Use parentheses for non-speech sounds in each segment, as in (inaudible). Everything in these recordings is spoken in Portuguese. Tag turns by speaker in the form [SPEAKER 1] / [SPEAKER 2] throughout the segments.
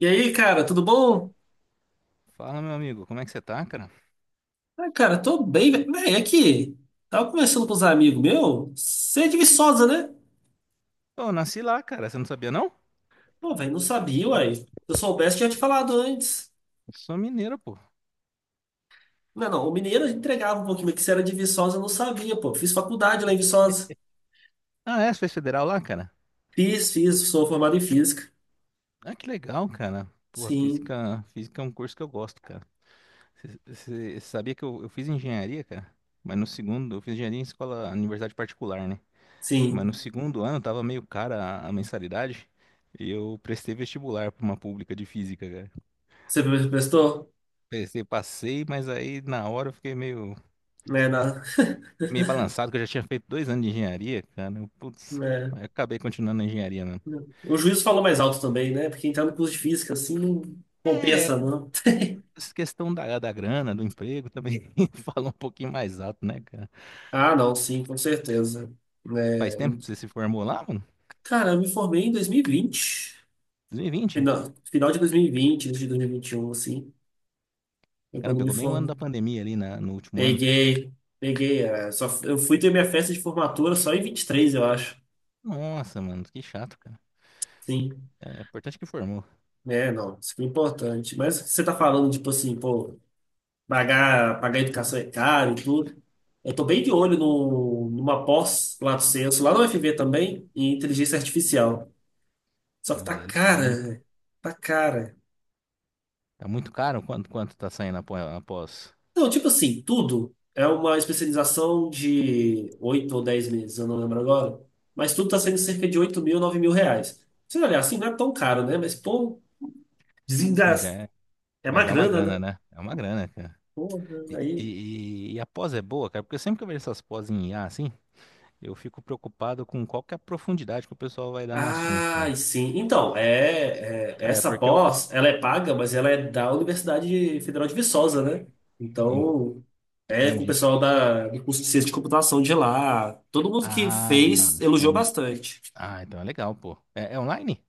[SPEAKER 1] E aí, cara, tudo bom?
[SPEAKER 2] Fala, meu amigo, como é que você tá, cara?
[SPEAKER 1] Ah, cara, tô bem, velho. Véi, aqui, tava conversando com os amigos meu. Você é de Viçosa, né?
[SPEAKER 2] Pô, eu nasci lá, cara, você não sabia, não?
[SPEAKER 1] Pô, velho, não sabia, uai. Se eu soubesse, tinha te falado antes.
[SPEAKER 2] Eu sou mineiro, pô.
[SPEAKER 1] Não, o mineiro entregava um pouquinho, mas que você era de Viçosa, eu não sabia, pô. Fiz faculdade lá em Viçosa.
[SPEAKER 2] Ah, é? Você fez federal lá, cara?
[SPEAKER 1] Fiz, sou formado em física.
[SPEAKER 2] Ah, que legal, cara. Pô,
[SPEAKER 1] Sim,
[SPEAKER 2] física é um curso que eu gosto, cara. Você sabia que eu fiz engenharia, cara? Mas no segundo, eu fiz engenharia em escola, universidade particular, né? Mas
[SPEAKER 1] sim.
[SPEAKER 2] no segundo ano tava meio cara a mensalidade e eu prestei vestibular pra uma pública de física, cara.
[SPEAKER 1] Você prestou?
[SPEAKER 2] Prestei, passei, mas aí na hora eu fiquei meio.
[SPEAKER 1] Né, na...
[SPEAKER 2] Fiquei meio balançado, que eu já tinha feito dois anos de engenharia, cara. Eu,
[SPEAKER 1] (laughs)
[SPEAKER 2] putz,
[SPEAKER 1] né.
[SPEAKER 2] aí acabei continuando na engenharia, né?
[SPEAKER 1] O juiz falou mais alto também, né? Porque entrar no curso de física, assim, não
[SPEAKER 2] É,
[SPEAKER 1] compensa, não.
[SPEAKER 2] essa questão da grana, do emprego também (laughs) fala um pouquinho mais alto, né, cara?
[SPEAKER 1] Ah, não, sim, com certeza.
[SPEAKER 2] Faz
[SPEAKER 1] É.
[SPEAKER 2] tempo que você se formou lá, mano?
[SPEAKER 1] Cara, eu me formei em 2020.
[SPEAKER 2] 2020.
[SPEAKER 1] Final de 2020, início de 2021, assim. Foi
[SPEAKER 2] Cara,
[SPEAKER 1] quando eu me
[SPEAKER 2] pegou bem o ano da
[SPEAKER 1] formei.
[SPEAKER 2] pandemia ali na, no último ano.
[SPEAKER 1] Peguei, peguei. É, só, eu fui ter minha festa de formatura só em 23, eu acho.
[SPEAKER 2] Nossa, mano, que chato, cara.
[SPEAKER 1] Sim.
[SPEAKER 2] É, é importante que formou.
[SPEAKER 1] É, não. Isso foi importante. Mas você tá falando, tipo assim, pô, pagar educação é caro e tudo. Eu tô bem de olho no, numa pós, Lato Senso, lá no FV também, em inteligência artificial. Só que
[SPEAKER 2] Pô,
[SPEAKER 1] tá
[SPEAKER 2] é
[SPEAKER 1] cara,
[SPEAKER 2] legal, hein?
[SPEAKER 1] velho. Tá cara.
[SPEAKER 2] Tá muito caro? Quanto tá saindo após, após?
[SPEAKER 1] Não, tipo assim, tudo é uma especialização de 8 ou 10 meses, eu não lembro agora. Mas tudo tá saindo cerca de 8 mil, 9 mil reais. Se você olhar assim, não é tão caro, né? Mas, pô,
[SPEAKER 2] Mas
[SPEAKER 1] desengasta.
[SPEAKER 2] é,
[SPEAKER 1] É uma
[SPEAKER 2] mas é uma
[SPEAKER 1] grana,
[SPEAKER 2] grana,
[SPEAKER 1] né?
[SPEAKER 2] né? É uma grana, cara.
[SPEAKER 1] Porra,
[SPEAKER 2] E,
[SPEAKER 1] aí.
[SPEAKER 2] e, e a pós é boa, cara, porque eu sempre que eu vejo essas pós em IA, assim. Eu fico preocupado com qual que é a profundidade que o pessoal vai dar no assunto, né?
[SPEAKER 1] Ah, sim. Então,
[SPEAKER 2] É,
[SPEAKER 1] essa
[SPEAKER 2] porque eu
[SPEAKER 1] pós, ela é paga, mas ela é da Universidade Federal de Viçosa, né?
[SPEAKER 2] en-
[SPEAKER 1] Então, é com o
[SPEAKER 2] entendi.
[SPEAKER 1] pessoal da, do curso de ciência de computação de lá. Todo mundo que
[SPEAKER 2] Ah,
[SPEAKER 1] fez elogiou
[SPEAKER 2] então,
[SPEAKER 1] bastante.
[SPEAKER 2] ah, então é legal, pô. É, é online?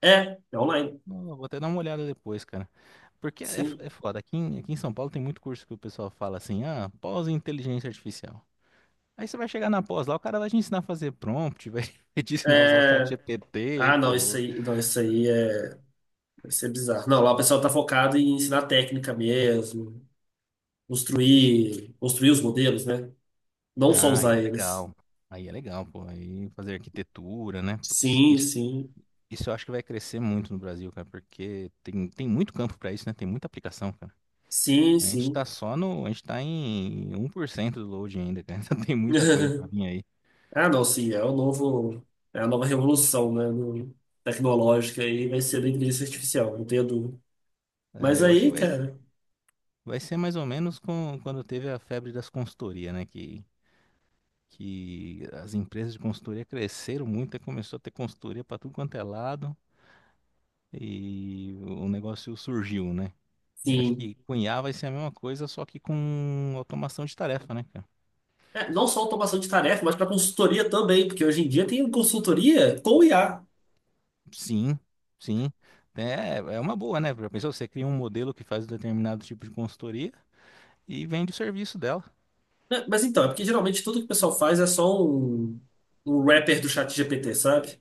[SPEAKER 1] É, é online.
[SPEAKER 2] Não, eu vou até dar uma olhada depois, cara. Porque é,
[SPEAKER 1] Sim.
[SPEAKER 2] é foda. Aqui em São Paulo tem muito curso que o pessoal fala assim: ah, pós em inteligência artificial. Aí você vai chegar na pós lá, o cara vai te ensinar a fazer prompt, vai (laughs) te ensinar a usar o chat
[SPEAKER 1] É,
[SPEAKER 2] GPT,
[SPEAKER 1] ah, não, isso
[SPEAKER 2] pô.
[SPEAKER 1] aí, não, isso é bizarro. Não, lá o pessoal tá focado em ensinar técnica mesmo, construir os modelos, né? Não só
[SPEAKER 2] Ah, aí
[SPEAKER 1] usar
[SPEAKER 2] é
[SPEAKER 1] eles.
[SPEAKER 2] legal. Aí é legal, pô. Aí fazer arquitetura, né? Putz,
[SPEAKER 1] Sim,
[SPEAKER 2] isso.
[SPEAKER 1] sim,
[SPEAKER 2] Isso eu acho que vai crescer muito no Brasil, cara, porque tem muito campo pra isso, né? Tem muita aplicação, cara.
[SPEAKER 1] sim,
[SPEAKER 2] A gente tá
[SPEAKER 1] sim.
[SPEAKER 2] só no. A gente tá em 1% do load ainda, cara. (laughs) Então tem muita coisa pra
[SPEAKER 1] (laughs)
[SPEAKER 2] vir aí.
[SPEAKER 1] Ah, não, sim, é o novo, é a nova revolução, né, no- tecnológica aí vai ser da inteligência artificial, não tenho dúvida. Mas
[SPEAKER 2] É, eu acho que
[SPEAKER 1] aí,
[SPEAKER 2] vai,
[SPEAKER 1] cara,
[SPEAKER 2] vai ser mais ou menos com, quando teve a febre das consultorias, né? Que as empresas de consultoria cresceram muito e começou a ter consultoria pra tudo quanto é lado e o negócio surgiu, né? Eu acho
[SPEAKER 1] sim,
[SPEAKER 2] que com IA vai ser a mesma coisa, só que com automação de tarefa, né, cara?
[SPEAKER 1] é, não só automação de tarefa, mas para consultoria também, porque hoje em dia tem consultoria com IA.
[SPEAKER 2] Sim, sim. É, é uma boa, né? Já pensou? Você cria um modelo que faz um determinado tipo de consultoria e vende o serviço dela.
[SPEAKER 1] Né, mas então, é porque geralmente tudo que o pessoal faz é só um wrapper do chat GPT, sabe?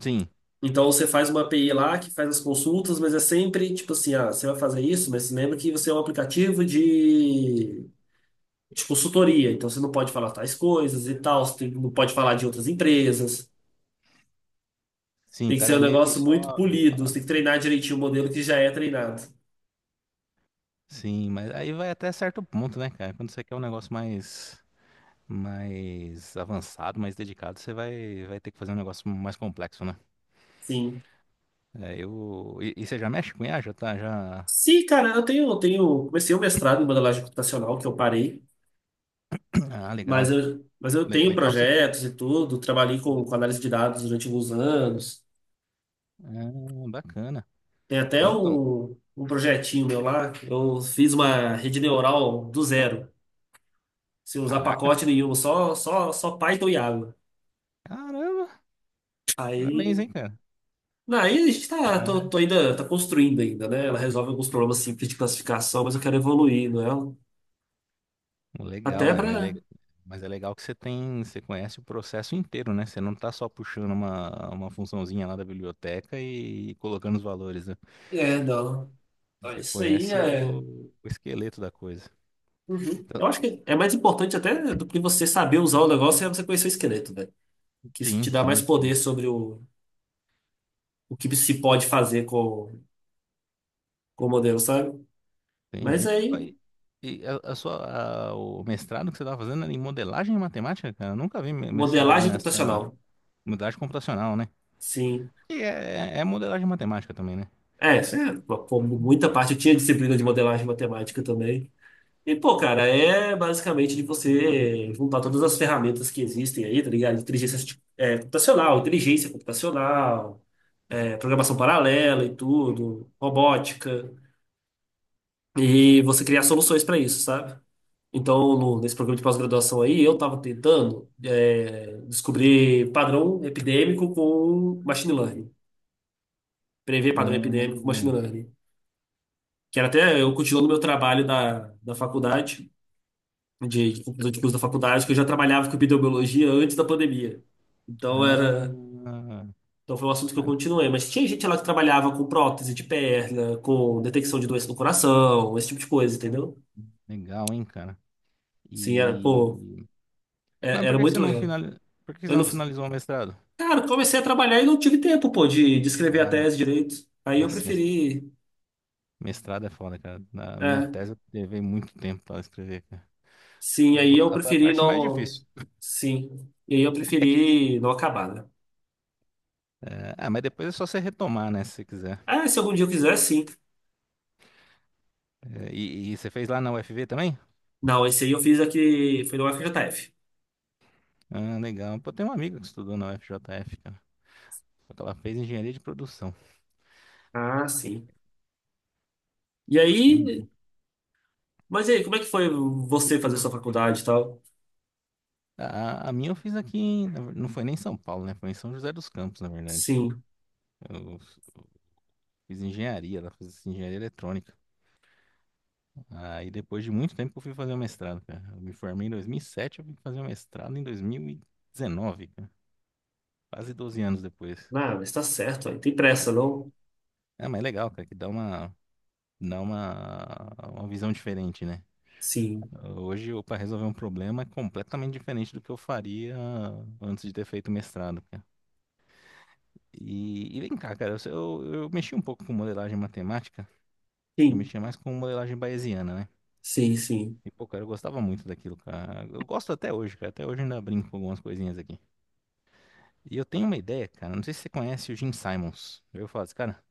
[SPEAKER 2] Sim,
[SPEAKER 1] Então você faz uma API lá que faz as consultas, mas é sempre tipo assim, ah, você vai fazer isso, mas lembra que você é um aplicativo de consultoria, então você não pode falar tais coisas e tal, você tem- não pode falar de outras empresas.
[SPEAKER 2] sim,
[SPEAKER 1] Tem
[SPEAKER 2] o
[SPEAKER 1] que ser um
[SPEAKER 2] cara meio que
[SPEAKER 1] negócio muito
[SPEAKER 2] só.
[SPEAKER 1] polido, você tem que treinar direitinho o modelo que já é treinado.
[SPEAKER 2] Sim, mas aí vai até certo ponto, né, cara? Quando você quer um negócio mais, mais avançado, mais dedicado, você vai, vai ter que fazer um negócio mais complexo, né?
[SPEAKER 1] Sim.
[SPEAKER 2] É, eu... e você já mexe com IA? Já tá, já.
[SPEAKER 1] Sim, cara, eu tenho, comecei o mestrado em modelagem computacional, que eu parei.
[SPEAKER 2] (clears throat) Ah,
[SPEAKER 1] Mas
[SPEAKER 2] legal.
[SPEAKER 1] eu, mas eu tenho
[SPEAKER 2] Legal você.
[SPEAKER 1] projetos e tudo, trabalhei com análise de dados durante alguns anos.
[SPEAKER 2] Ah, bacana.
[SPEAKER 1] Tem até
[SPEAKER 2] Então, então,
[SPEAKER 1] um projetinho meu lá, que eu fiz uma rede neural do zero, sem usar
[SPEAKER 2] caraca,
[SPEAKER 1] pacote nenhum, só Python e água.
[SPEAKER 2] caramba, parabéns,
[SPEAKER 1] Aí,
[SPEAKER 2] hein, cara.
[SPEAKER 1] não, aí a gente tá, tô ainda, tá construindo ainda, né? Ela resolve alguns problemas simples de classificação, mas eu quero evoluir, não é?
[SPEAKER 2] Legal,
[SPEAKER 1] Até
[SPEAKER 2] é, mas,
[SPEAKER 1] pra...
[SPEAKER 2] mas é legal que você tem, você conhece o processo inteiro, né? Você não tá só puxando uma funçãozinha lá da biblioteca e colocando os valores, né?
[SPEAKER 1] É, não.
[SPEAKER 2] Você
[SPEAKER 1] Isso aí
[SPEAKER 2] conhece
[SPEAKER 1] é...
[SPEAKER 2] o esqueleto da coisa.
[SPEAKER 1] Uhum.
[SPEAKER 2] Então,
[SPEAKER 1] Eu acho que é mais importante até do que você saber usar o negócio é você conhecer o esqueleto, velho. Que isso te
[SPEAKER 2] sim,
[SPEAKER 1] dá mais
[SPEAKER 2] sim, sim,
[SPEAKER 1] poder sobre o que se pode fazer com o modelo, sabe? Mas
[SPEAKER 2] entendi. Ó,
[SPEAKER 1] aí,
[SPEAKER 2] e a sua, o mestrado que você estava fazendo era em modelagem e matemática, cara? Eu nunca vi mestrado
[SPEAKER 1] modelagem
[SPEAKER 2] nessa
[SPEAKER 1] computacional,
[SPEAKER 2] modelagem computacional, né?
[SPEAKER 1] sim.
[SPEAKER 2] E é, é modelagem matemática também, né?
[SPEAKER 1] É, isso é, pô, muita parte eu tinha disciplina de modelagem matemática também. E, pô, cara, é basicamente de você juntar todas as ferramentas que existem aí, tá ligado? Inteligência arti- é, computacional, inteligência computacional, é, programação paralela e tudo, robótica. E você criar soluções para isso, sabe? Então, no- nesse programa de pós-graduação aí, eu estava tentando é, descobrir padrão epidêmico com machine learning, prever padrão epidêmico com machine
[SPEAKER 2] Hum,
[SPEAKER 1] learning, que era até eu continuo no meu trabalho da, da faculdade, de conclusão de curso da faculdade, que eu já trabalhava com epidemiologia antes da pandemia. Então, era,
[SPEAKER 2] ah,
[SPEAKER 1] então foi um assunto que eu
[SPEAKER 2] cara,
[SPEAKER 1] continuei, mas tinha gente lá que trabalhava com prótese de perna, com detecção de doença no coração, esse tipo de coisa, entendeu?
[SPEAKER 2] legal, hein, cara?
[SPEAKER 1] Sim, era, pô,
[SPEAKER 2] E... Mas por
[SPEAKER 1] era
[SPEAKER 2] que que você
[SPEAKER 1] muito
[SPEAKER 2] não
[SPEAKER 1] legal.
[SPEAKER 2] finali... por que que você
[SPEAKER 1] Eu não...
[SPEAKER 2] não finalizou o mestrado?
[SPEAKER 1] Cara, comecei a trabalhar e não tive tempo, pô, de escrever a
[SPEAKER 2] Ah,
[SPEAKER 1] tese direito. Aí eu
[SPEAKER 2] nossa,
[SPEAKER 1] preferi.
[SPEAKER 2] mestrado é foda, cara. Na minha
[SPEAKER 1] É,
[SPEAKER 2] tese eu levei muito tempo para escrever, cara.
[SPEAKER 1] sim, aí eu
[SPEAKER 2] Foi a
[SPEAKER 1] preferi
[SPEAKER 2] parte mais
[SPEAKER 1] não.
[SPEAKER 2] difícil.
[SPEAKER 1] Sim. E aí eu
[SPEAKER 2] É que...
[SPEAKER 1] preferi não acabar, né?
[SPEAKER 2] é, ah, mas depois é só você retomar, né, se você quiser.
[SPEAKER 1] Ah, se algum dia eu quiser, sim.
[SPEAKER 2] É, e você fez lá na UFV também?
[SPEAKER 1] Não, esse aí eu fiz aqui. Foi no FJF.
[SPEAKER 2] Ah, legal. Pô, tem uma amiga que estudou na UFJF, cara. Só que ela fez engenharia de produção.
[SPEAKER 1] Ah, sim. E
[SPEAKER 2] Entendi.
[SPEAKER 1] aí. Mas e aí, como é que foi você fazer sua faculdade e tal?
[SPEAKER 2] A, a minha eu fiz aqui, na não foi nem em São Paulo, né? Foi em São José dos Campos, na verdade.
[SPEAKER 1] Sim.
[SPEAKER 2] Eu fiz engenharia, ela fez engenharia eletrônica. Aí depois de muito tempo que eu fui fazer o mestrado, cara. Eu me formei em 2007, eu fui fazer o mestrado em 2019, cara. Quase 12 anos depois.
[SPEAKER 1] Ah, mas tá certo, aí tem pressa, não?
[SPEAKER 2] É, mas é legal, cara, que dá uma visão diferente, né?
[SPEAKER 1] Sim.
[SPEAKER 2] Hoje, eu para resolver um problema é completamente diferente do que eu faria antes de ter feito o mestrado, cara. E vem cá, cara, eu mexi um pouco com modelagem matemática, eu
[SPEAKER 1] Sim,
[SPEAKER 2] mexia mais com modelagem bayesiana, né?
[SPEAKER 1] sim.
[SPEAKER 2] E, pô, cara, eu gostava muito daquilo, cara. Eu gosto até hoje, cara. Até hoje eu ainda brinco com algumas coisinhas aqui. E eu tenho uma ideia, cara. Não sei se você conhece o Jim Simons. Eu falo assim, cara.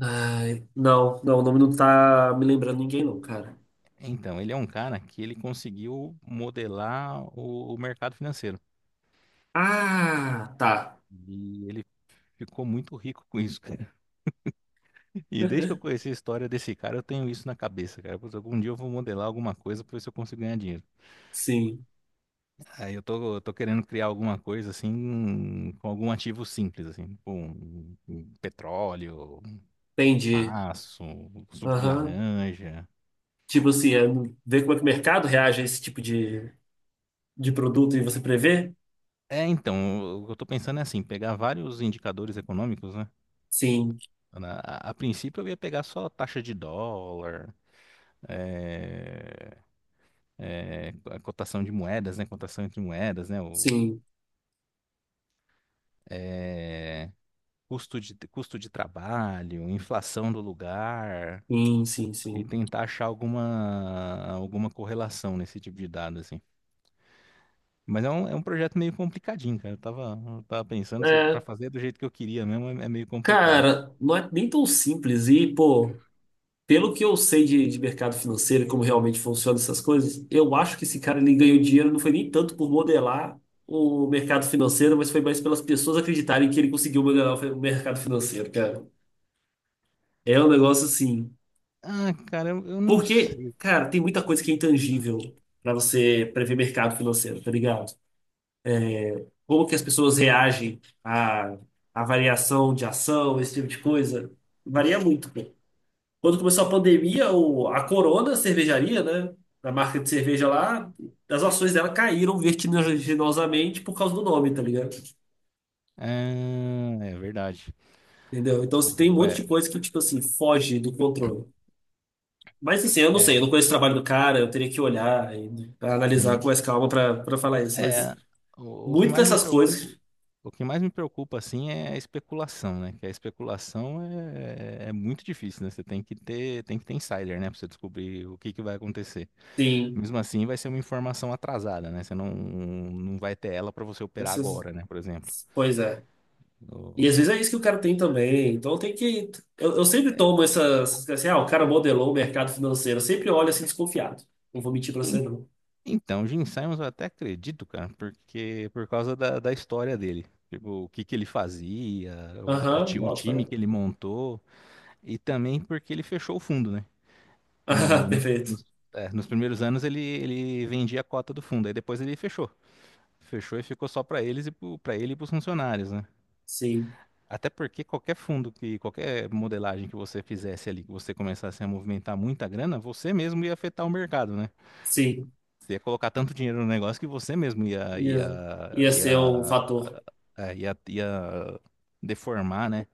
[SPEAKER 1] Ai, não, o nome não tá me lembrando ninguém, não, cara.
[SPEAKER 2] Então, ele é um cara que ele conseguiu modelar o mercado financeiro.
[SPEAKER 1] Ah, tá.
[SPEAKER 2] E ele ficou muito rico com isso, cara. (laughs) E desde que eu
[SPEAKER 1] (laughs)
[SPEAKER 2] conheci a história desse cara, eu tenho isso na cabeça, cara. Putz, algum dia eu vou modelar alguma coisa pra ver se eu consigo ganhar dinheiro.
[SPEAKER 1] Sim,
[SPEAKER 2] Aí eu tô querendo criar alguma coisa assim, com algum ativo simples, assim, tipo um, um petróleo, um
[SPEAKER 1] entendi.
[SPEAKER 2] aço, um suco de
[SPEAKER 1] Aham.
[SPEAKER 2] laranja.
[SPEAKER 1] Tipo assim, é ver como é que o mercado reage a esse tipo de produto e você prever?
[SPEAKER 2] É, então, o que eu tô pensando é assim, pegar vários indicadores econômicos, né?
[SPEAKER 1] Sim,
[SPEAKER 2] A princípio eu ia pegar só taxa de dólar, é, é, a cotação de moedas, né? Cotação entre moedas, né? O,
[SPEAKER 1] sim,
[SPEAKER 2] é, custo de trabalho, inflação do lugar,
[SPEAKER 1] sim, sim,
[SPEAKER 2] e
[SPEAKER 1] sim.
[SPEAKER 2] tentar achar alguma, alguma correlação nesse tipo de dado, assim. Mas é um projeto meio complicadinho, cara. Eu tava pensando, pra
[SPEAKER 1] É,
[SPEAKER 2] fazer do jeito que eu queria mesmo, é, é meio complicado.
[SPEAKER 1] cara, não é nem tão simples. E, pô, pelo que eu sei de mercado financeiro e como realmente funcionam essas coisas, eu acho que esse cara ele ganhou dinheiro não foi nem tanto por modelar o mercado financeiro, mas foi mais pelas pessoas acreditarem que ele conseguiu modelar o mercado financeiro, cara. É um negócio assim.
[SPEAKER 2] Ah, cara, eu não
[SPEAKER 1] Porque,
[SPEAKER 2] sei.
[SPEAKER 1] cara, tem muita coisa que é intangível para você prever mercado financeiro, tá ligado? Como que as pessoas reagem à, à variação de ação, esse tipo de coisa. Varia muito, pô. Quando começou a pandemia, o, a Corona, a cervejaria, né? A marca de cerveja lá, as ações dela caíram vertiginosamente por causa do nome, tá ligado?
[SPEAKER 2] Ah, é verdade.
[SPEAKER 1] Entendeu? Então, assim, tem um monte
[SPEAKER 2] Ué,
[SPEAKER 1] de coisa que, tipo assim, foge do controle. Mas, assim, eu não sei, eu
[SPEAKER 2] é,
[SPEAKER 1] não conheço o trabalho do cara, eu teria que olhar e analisar com
[SPEAKER 2] bem,
[SPEAKER 1] mais calma pra, pra falar isso. Mas
[SPEAKER 2] é, o que
[SPEAKER 1] muitas
[SPEAKER 2] mais me
[SPEAKER 1] dessas
[SPEAKER 2] preocupa,
[SPEAKER 1] coisas,
[SPEAKER 2] o que mais me preocupa, assim, é a especulação, né? Que a especulação é, é muito difícil, né? Você tem que ter insider, né? Pra você descobrir o que que vai acontecer.
[SPEAKER 1] sim.
[SPEAKER 2] Mesmo assim, vai ser uma informação atrasada, né? Você não, não vai ter ela para você operar
[SPEAKER 1] Essas,
[SPEAKER 2] agora, né? Por exemplo.
[SPEAKER 1] pois é. E às vezes é isso que o cara tem também. Então tem que. Eu sempre tomo essas. Assim, ah, o cara modelou o mercado financeiro. Eu sempre olho assim desconfiado. Não vou mentir pra
[SPEAKER 2] O-
[SPEAKER 1] você, não.
[SPEAKER 2] Então, Gene Simons eu até acredito, cara, porque por causa da, da história dele. Tipo, o que que ele fazia, o,
[SPEAKER 1] Aham,
[SPEAKER 2] o
[SPEAKER 1] bota
[SPEAKER 2] time
[SPEAKER 1] para.
[SPEAKER 2] que ele
[SPEAKER 1] (laughs)
[SPEAKER 2] montou, e também porque ele fechou o fundo, né?
[SPEAKER 1] Ah,
[SPEAKER 2] No- nos,
[SPEAKER 1] perfeito.
[SPEAKER 2] nos- Nos primeiros anos ele, ele vendia a cota do fundo, aí depois ele fechou. Fechou e ficou só para eles e para ele e para os funcionários, né?
[SPEAKER 1] Sim,
[SPEAKER 2] Até porque qualquer fundo que, qualquer modelagem que você fizesse ali, que você começasse a movimentar muita grana, você mesmo ia afetar o mercado, né?
[SPEAKER 1] sim.
[SPEAKER 2] Você ia colocar tanto dinheiro no negócio que você mesmo
[SPEAKER 1] Ia, ia ser um
[SPEAKER 2] ia,
[SPEAKER 1] fator.
[SPEAKER 2] ia deformar, né?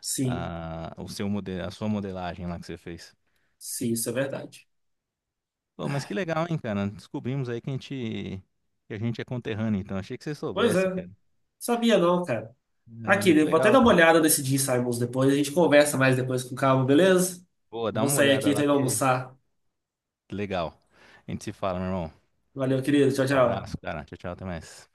[SPEAKER 1] Sim,
[SPEAKER 2] A, o seu modelo, a sua modelagem lá que você fez.
[SPEAKER 1] sim, isso é verdade.
[SPEAKER 2] Pô, mas que legal, hein, cara? Descobrimos aí que a gente é conterrâneo, então achei que você
[SPEAKER 1] Pois é.
[SPEAKER 2] soubesse, cara.
[SPEAKER 1] Sabia não, cara.
[SPEAKER 2] Ah,
[SPEAKER 1] Aqui,
[SPEAKER 2] mas que
[SPEAKER 1] eu vou até
[SPEAKER 2] legal.
[SPEAKER 1] dar uma olhada nesse Jim Simons depois. A gente conversa mais depois com calma, beleza?
[SPEAKER 2] Boa, dá
[SPEAKER 1] Vou
[SPEAKER 2] uma
[SPEAKER 1] sair
[SPEAKER 2] olhada
[SPEAKER 1] aqui, tô
[SPEAKER 2] lá
[SPEAKER 1] indo
[SPEAKER 2] que
[SPEAKER 1] almoçar.
[SPEAKER 2] legal. A gente se fala, meu irmão.
[SPEAKER 1] Valeu, querido. Tchau,
[SPEAKER 2] Abraço,
[SPEAKER 1] tchau.
[SPEAKER 2] cara. Tchau, tchau, até mais.